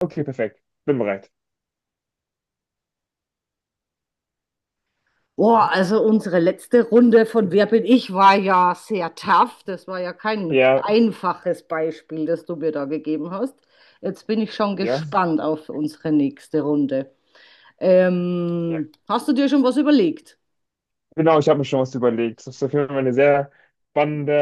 Okay, perfekt. Bin bereit. Mhm. Boah, also unsere letzte Runde von Wer bin ich war ja sehr tough. Das war ja kein Ja, einfaches Beispiel, das du mir da gegeben hast. Jetzt bin ich schon ja, gespannt auf unsere nächste Runde. ja. Hast du dir schon was überlegt? Genau, ich habe mir schon was überlegt. Das ist auf jeden Fall eine sehr spannende,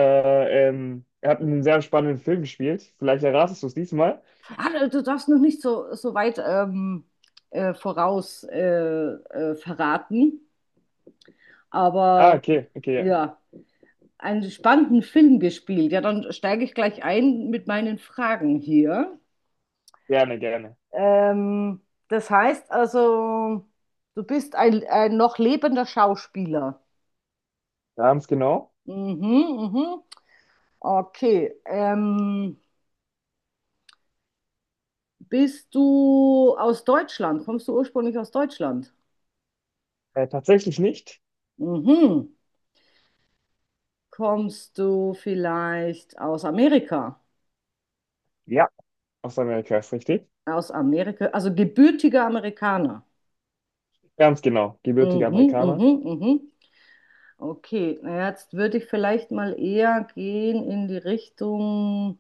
er hat einen sehr spannenden Film gespielt. Vielleicht erratest du es diesmal. Ah, du darfst noch nicht so weit voraus verraten, Ah, aber okay, okay, ja. ja, einen spannenden Film gespielt. Ja, dann steige ich gleich ein mit meinen Fragen hier. Gerne, gerne. Ähm, Das heißt also, du bist ein noch lebender Schauspieler. Ganz genau. Mhm, mhm. Okay. Bist du aus Deutschland? Kommst du ursprünglich aus Deutschland? Tatsächlich nicht. Mhm. Kommst du vielleicht aus Amerika? Ja. Aus Amerika ist richtig. Aus Amerika, also gebürtiger Amerikaner. Ganz genau. Gebürtiger Mhm, Amerikaner. mhm, mhm. Okay, na, jetzt würde ich vielleicht mal eher gehen in die Richtung.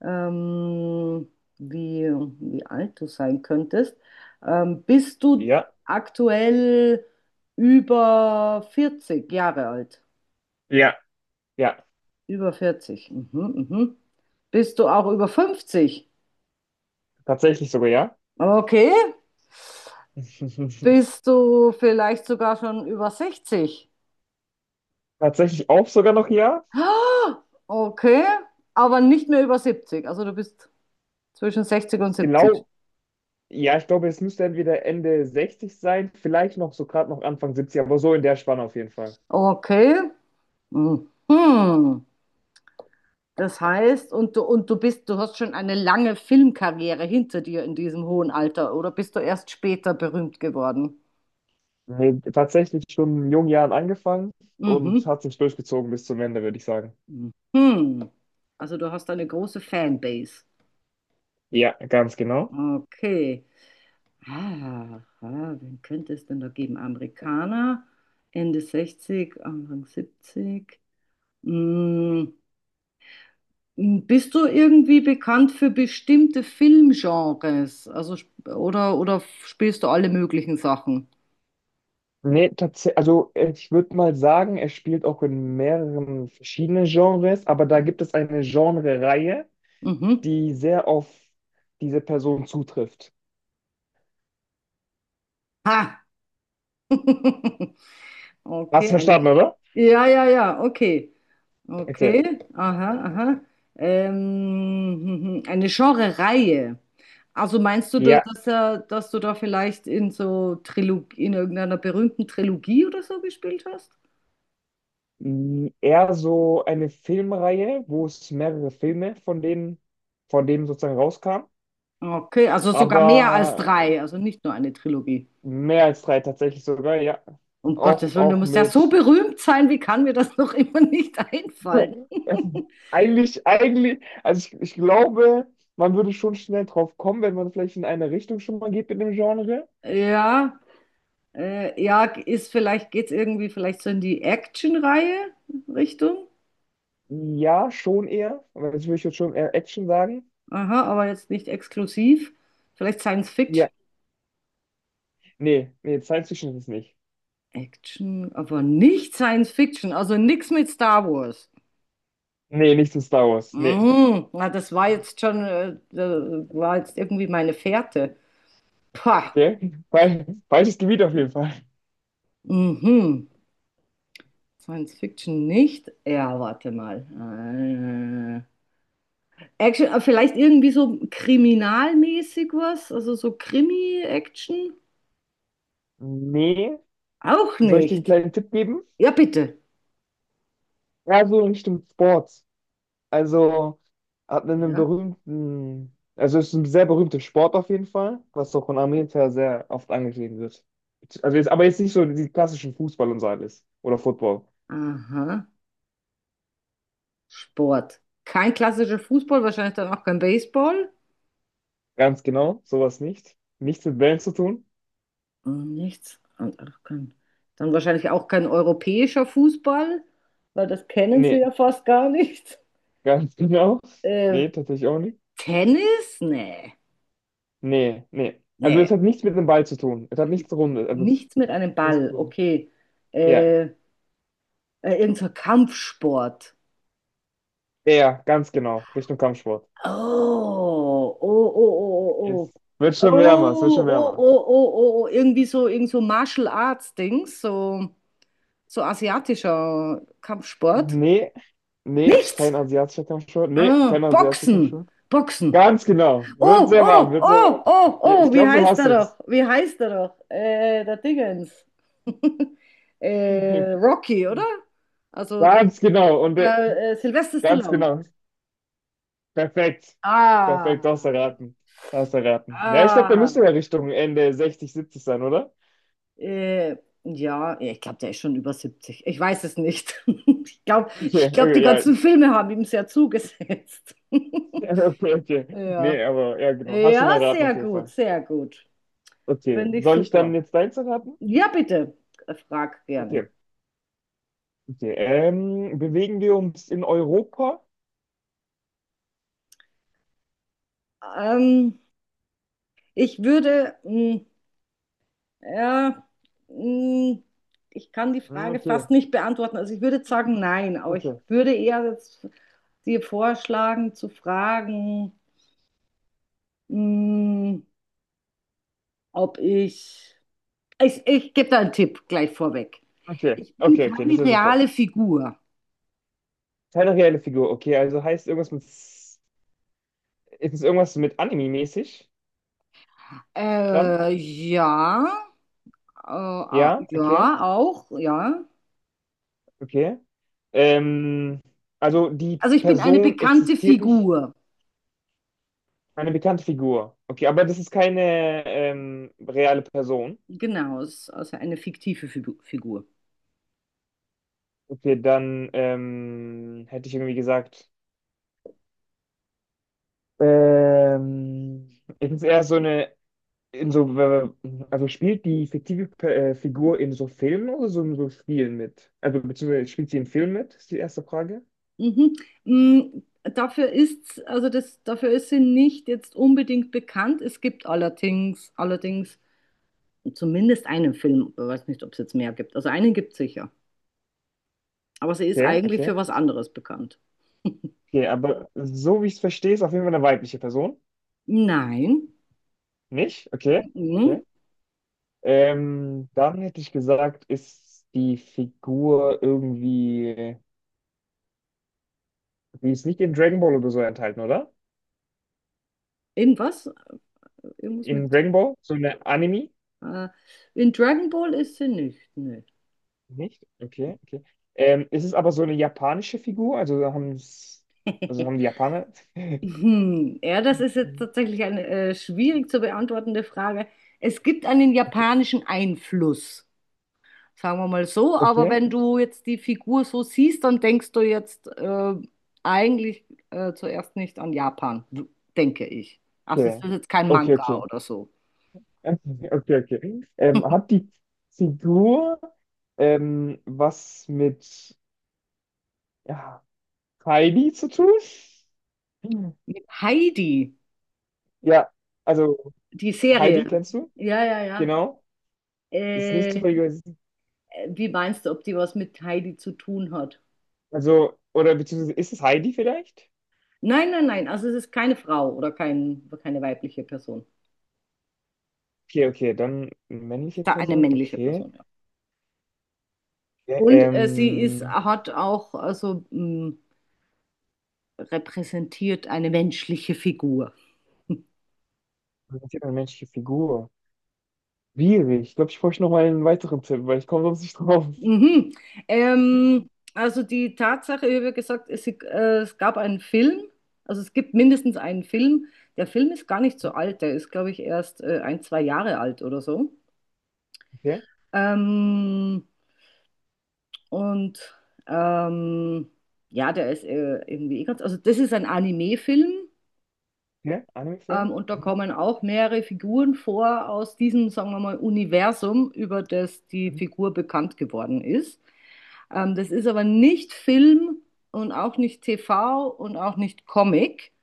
ähm, wie, wie alt du sein könntest. Bist du Ja. aktuell über 40 Jahre alt? Ja. Ja. Über vierzig? Mhm, mhm. Bist du auch über 50? Tatsächlich sogar, ja. Okay. Bist du vielleicht sogar schon über 60? Tatsächlich auch sogar noch, ja. Ah, okay. Aber nicht mehr über 70. Also du bist zwischen 60 und 70. Genau. Ja, ich glaube, es müsste entweder Ende 60 sein, vielleicht noch so gerade noch Anfang 70, aber so in der Spanne auf jeden Fall. Okay. Mhm. Das heißt, du hast schon eine lange Filmkarriere hinter dir in diesem hohen Alter, oder bist du erst später berühmt geworden? Nee, tatsächlich schon in jungen Jahren angefangen und Mhm. hat sich durchgezogen bis zum Ende, würde ich sagen. Mhm. Also du hast eine große Fanbase. Ja, ganz genau. Okay. Ah, ah, wen könnte es denn da geben? Amerikaner, Ende 60 Anfang 70. Mm, bist du irgendwie bekannt für bestimmte Filmgenres? Also oder spielst du alle möglichen Sachen? Nee, tatsächlich, also ich würde mal sagen, er spielt auch in mehreren verschiedenen Genres, aber da Mhm. gibt es eine Genre-Reihe, Mhm. die sehr auf diese Person zutrifft. Ha! Hast Okay, du eine. verstanden, oder? Ja, ja, ja, okay. Okay. Okay, aha, aha. Eine Genre-Reihe. Also meinst du, Ja. Dass du da vielleicht in irgendeiner berühmten Trilogie oder so gespielt hast? Mh, eher so eine Filmreihe, wo es mehrere Filme von dem sozusagen rauskam. Okay, also sogar mehr als Aber drei, also nicht nur eine Trilogie. mehr als drei tatsächlich sogar, ja. Um Gottes Auch, Willen, du auch musst ja so mit. berühmt sein, wie kann mir das noch immer nicht einfallen? Eigentlich, also ich glaube, man würde schon schnell drauf kommen, wenn man vielleicht in eine Richtung schon mal geht mit dem Genre. Ja. Ja, ist vielleicht, geht's irgendwie vielleicht so in die Action-Reihe Richtung. Ja, schon eher. Aber jetzt würde ich jetzt schon eher Action sagen. Aha, aber jetzt nicht exklusiv. Vielleicht Science Fiction. Ja, nee, nee, Science Fiction ist es nicht. Action, aber nicht Science Fiction, also nichts mit Star Wars. Nee, nicht zu Star Wars. Nee. Mhm, na, das war jetzt schon, da war jetzt irgendwie meine Fährte. Pah, Okay. Falsches Gebiet auf jeden Fall. mhm. Science Fiction nicht. Ja, warte mal. Action, vielleicht irgendwie so kriminalmäßig was, also so Krimi-Action. Nee, Auch soll ich dir einen nicht. kleinen Tipp geben? Ja, bitte. Ja, so in Richtung Sports. Also hat einen Ja. berühmten, also ist ein sehr berühmter Sport auf jeden Fall, was auch in Amerika sehr oft angeschrieben wird. Also jetzt, aber jetzt nicht so die klassischen Fußball und so alles. Oder Football. Aha. Sport. Kein klassischer Fußball, wahrscheinlich dann auch kein Baseball. Ganz genau, sowas nicht. Nichts mit Bällen zu tun. Und nichts. Und auch kein, dann wahrscheinlich auch kein europäischer Fußball, weil das kennen sie Nee, ja fast gar nicht. ganz genau. Äh, Nee, tatsächlich auch nicht. Tennis? Nee. Nee, nee. Also es Nee. hat nichts mit dem Ball zu tun. Es hat nichts Runde, also es ist Nichts mit einem nichts Ball. Runde. Okay. Ja, Äh, Irgend so ein Kampfsport. ja, ganz genau. Richtung Kampfsport. Oh, oh, oh, oh, oh. Es wird Oh, schon wärmer, es wird schon oh, oh, wärmer. oh, oh, oh. Oh. Irgendwie so, irgend so Martial Arts Dings, so asiatischer Kampfsport. Nee, nee, Nichts. kein asiatischer Kampfsport. Nee, kein Ah, asiatischer Boxen. Kampfsport. Boxen. Ganz genau. Wird Oh, sehr warm, oh, wird sehr oh, warm. oh, Ja, ich oh, wie glaube, du heißt hast er doch? es. Wie heißt er doch? Der Dingens. Rocky, oder? Also der, Ganz genau. Und der Sylvester ganz Stallone. genau. Perfekt. Ah, Perfekt, du hast erraten. Du hast erraten. Ja, ich glaube, da ah. müsste ja Richtung Ende 60, 70 sein, oder? Äh, ja, ja, ich glaube, der ist schon über 70. Ich weiß es nicht. Okay, Ich glaub, die okay, ja. ganzen Filme haben ihm sehr zugesetzt. Okay, okay. Nee, Ja. aber ja, genau. Hast schon Ja, erraten sehr auf jeden gut, Fall. sehr gut. Okay. Finde ich Soll ich dann super. jetzt deins erraten? Ja, bitte, frag gerne. Okay. Okay, bewegen wir uns in Europa? Ähm, Ich würde, ja, mh, ich kann die Hm, Frage okay, fast nicht beantworten. Also ich würde jetzt sagen, nein, aber ich okay, würde eher jetzt dir vorschlagen, zu fragen, mh, ob ich Ich gebe da einen Tipp gleich vorweg. okay, Ich bin okay, okay, das ist keine ja super. reale Figur. Keine reelle Figur, okay, also heißt irgendwas mit, ist es irgendwas mit Anime-mäßig dann? Ja, Ja, okay, ja, auch, ja. okay. Ähm, also die Also ich bin eine Person bekannte existiert nicht, Figur. eine bekannte Figur. Okay, aber das ist keine reale Person. Genau, es ist also eine fiktive Figur. Okay, dann hätte ich irgendwie gesagt, ähm, ich muss eher so eine in so, also spielt die fiktive Figur in so Filmen oder so in so Spielen mit? Also beziehungsweise spielt sie in Filmen mit, ist die erste Frage. Mhm. Mm, Dafür ist sie nicht jetzt unbedingt bekannt. Es gibt allerdings zumindest einen Film, ich weiß nicht, ob es jetzt mehr gibt. Also einen gibt es sicher. Aber sie ist Okay, eigentlich okay. für was anderes bekannt. Okay, aber so wie ich es verstehe, ist auf jeden Fall eine weibliche Person. Nein. Nicht? Okay, okay. Mhm. Dann hätte ich gesagt, ist die Figur irgendwie, die ist nicht in Dragon Ball oder so enthalten, oder? Irgendwas? Irgendwas In mit. Dragon Ball? So eine Anime? Äh, in Dragon Ball ist sie nicht. Nö. Nicht? Okay, okay. Ist es aber so eine japanische Figur? Also haben es, also haben die Japaner? Hm, ja, das ist jetzt Mhm. tatsächlich eine schwierig zu beantwortende Frage. Es gibt einen japanischen Einfluss, sagen wir mal so. Aber Okay, wenn du jetzt die Figur so siehst, dann denkst du jetzt eigentlich zuerst nicht an Japan, denke ich. Also es ist okay, jetzt kein okay, Manga okay, oder so. okay, okay. Hat die Figur was mit ja, Heidi zu tun? Hm. Mit Heidi, Ja, also die Heidi Serie. kennst du? Ja, ja, ja. Genau, ist nicht Äh, zufällig. Wie meinst du, ob die was mit Heidi zu tun hat? Also, oder beziehungsweise ist es Heidi vielleicht? Nein, nein, nein. Also es ist keine Frau oder keine weibliche Person. Okay, okay, dann männliche Da eine Person, männliche okay. Person, ja. Ja, Und hat auch also, repräsentiert eine menschliche Figur. was ist denn eine menschliche Figur? Schwierig. Ich glaube, ich brauche noch mal einen weiteren Tipp, weil ich komme sonst nicht drauf. Mhm. Ähm, also die Tatsache, ich habe ja gesagt, es gab einen Film, also es gibt mindestens einen Film. Der Film ist gar nicht so alt, der ist, glaube ich, erst ein, zwei Jahre alt oder so. Okay. Ähm, und ähm, ja, der ist irgendwie eh ganz, also das ist ein Anime-Film. Ja, Anime-Film? Und da Mhm. kommen auch mehrere Figuren vor aus diesem, sagen wir mal, Universum, über das die Mhm. Figur bekannt geworden ist. Das ist aber nicht Film und auch nicht TV und auch nicht Comic.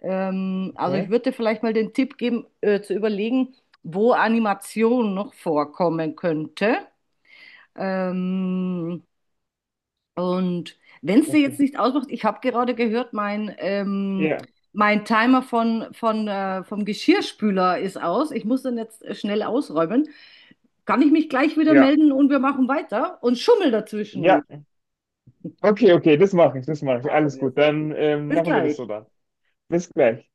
Also ich Ja, würde dir vielleicht mal den Tipp geben, zu überlegen, wo Animation noch vorkommen könnte. Ähm, und wenn es dir jetzt okay. nicht ausmacht, ich habe gerade gehört, mein, ähm, Ja, mein Timer vom Geschirrspüler ist aus. Ich muss den jetzt schnell ausräumen. Kann ich mich gleich wieder ja, melden und wir machen weiter und schummel dazwischen ja. nicht. Okay, okay, das mache ich, das mache ich. Machen Alles wir gut, so. dann Bis machen wir das so gleich. dann. Bis gleich.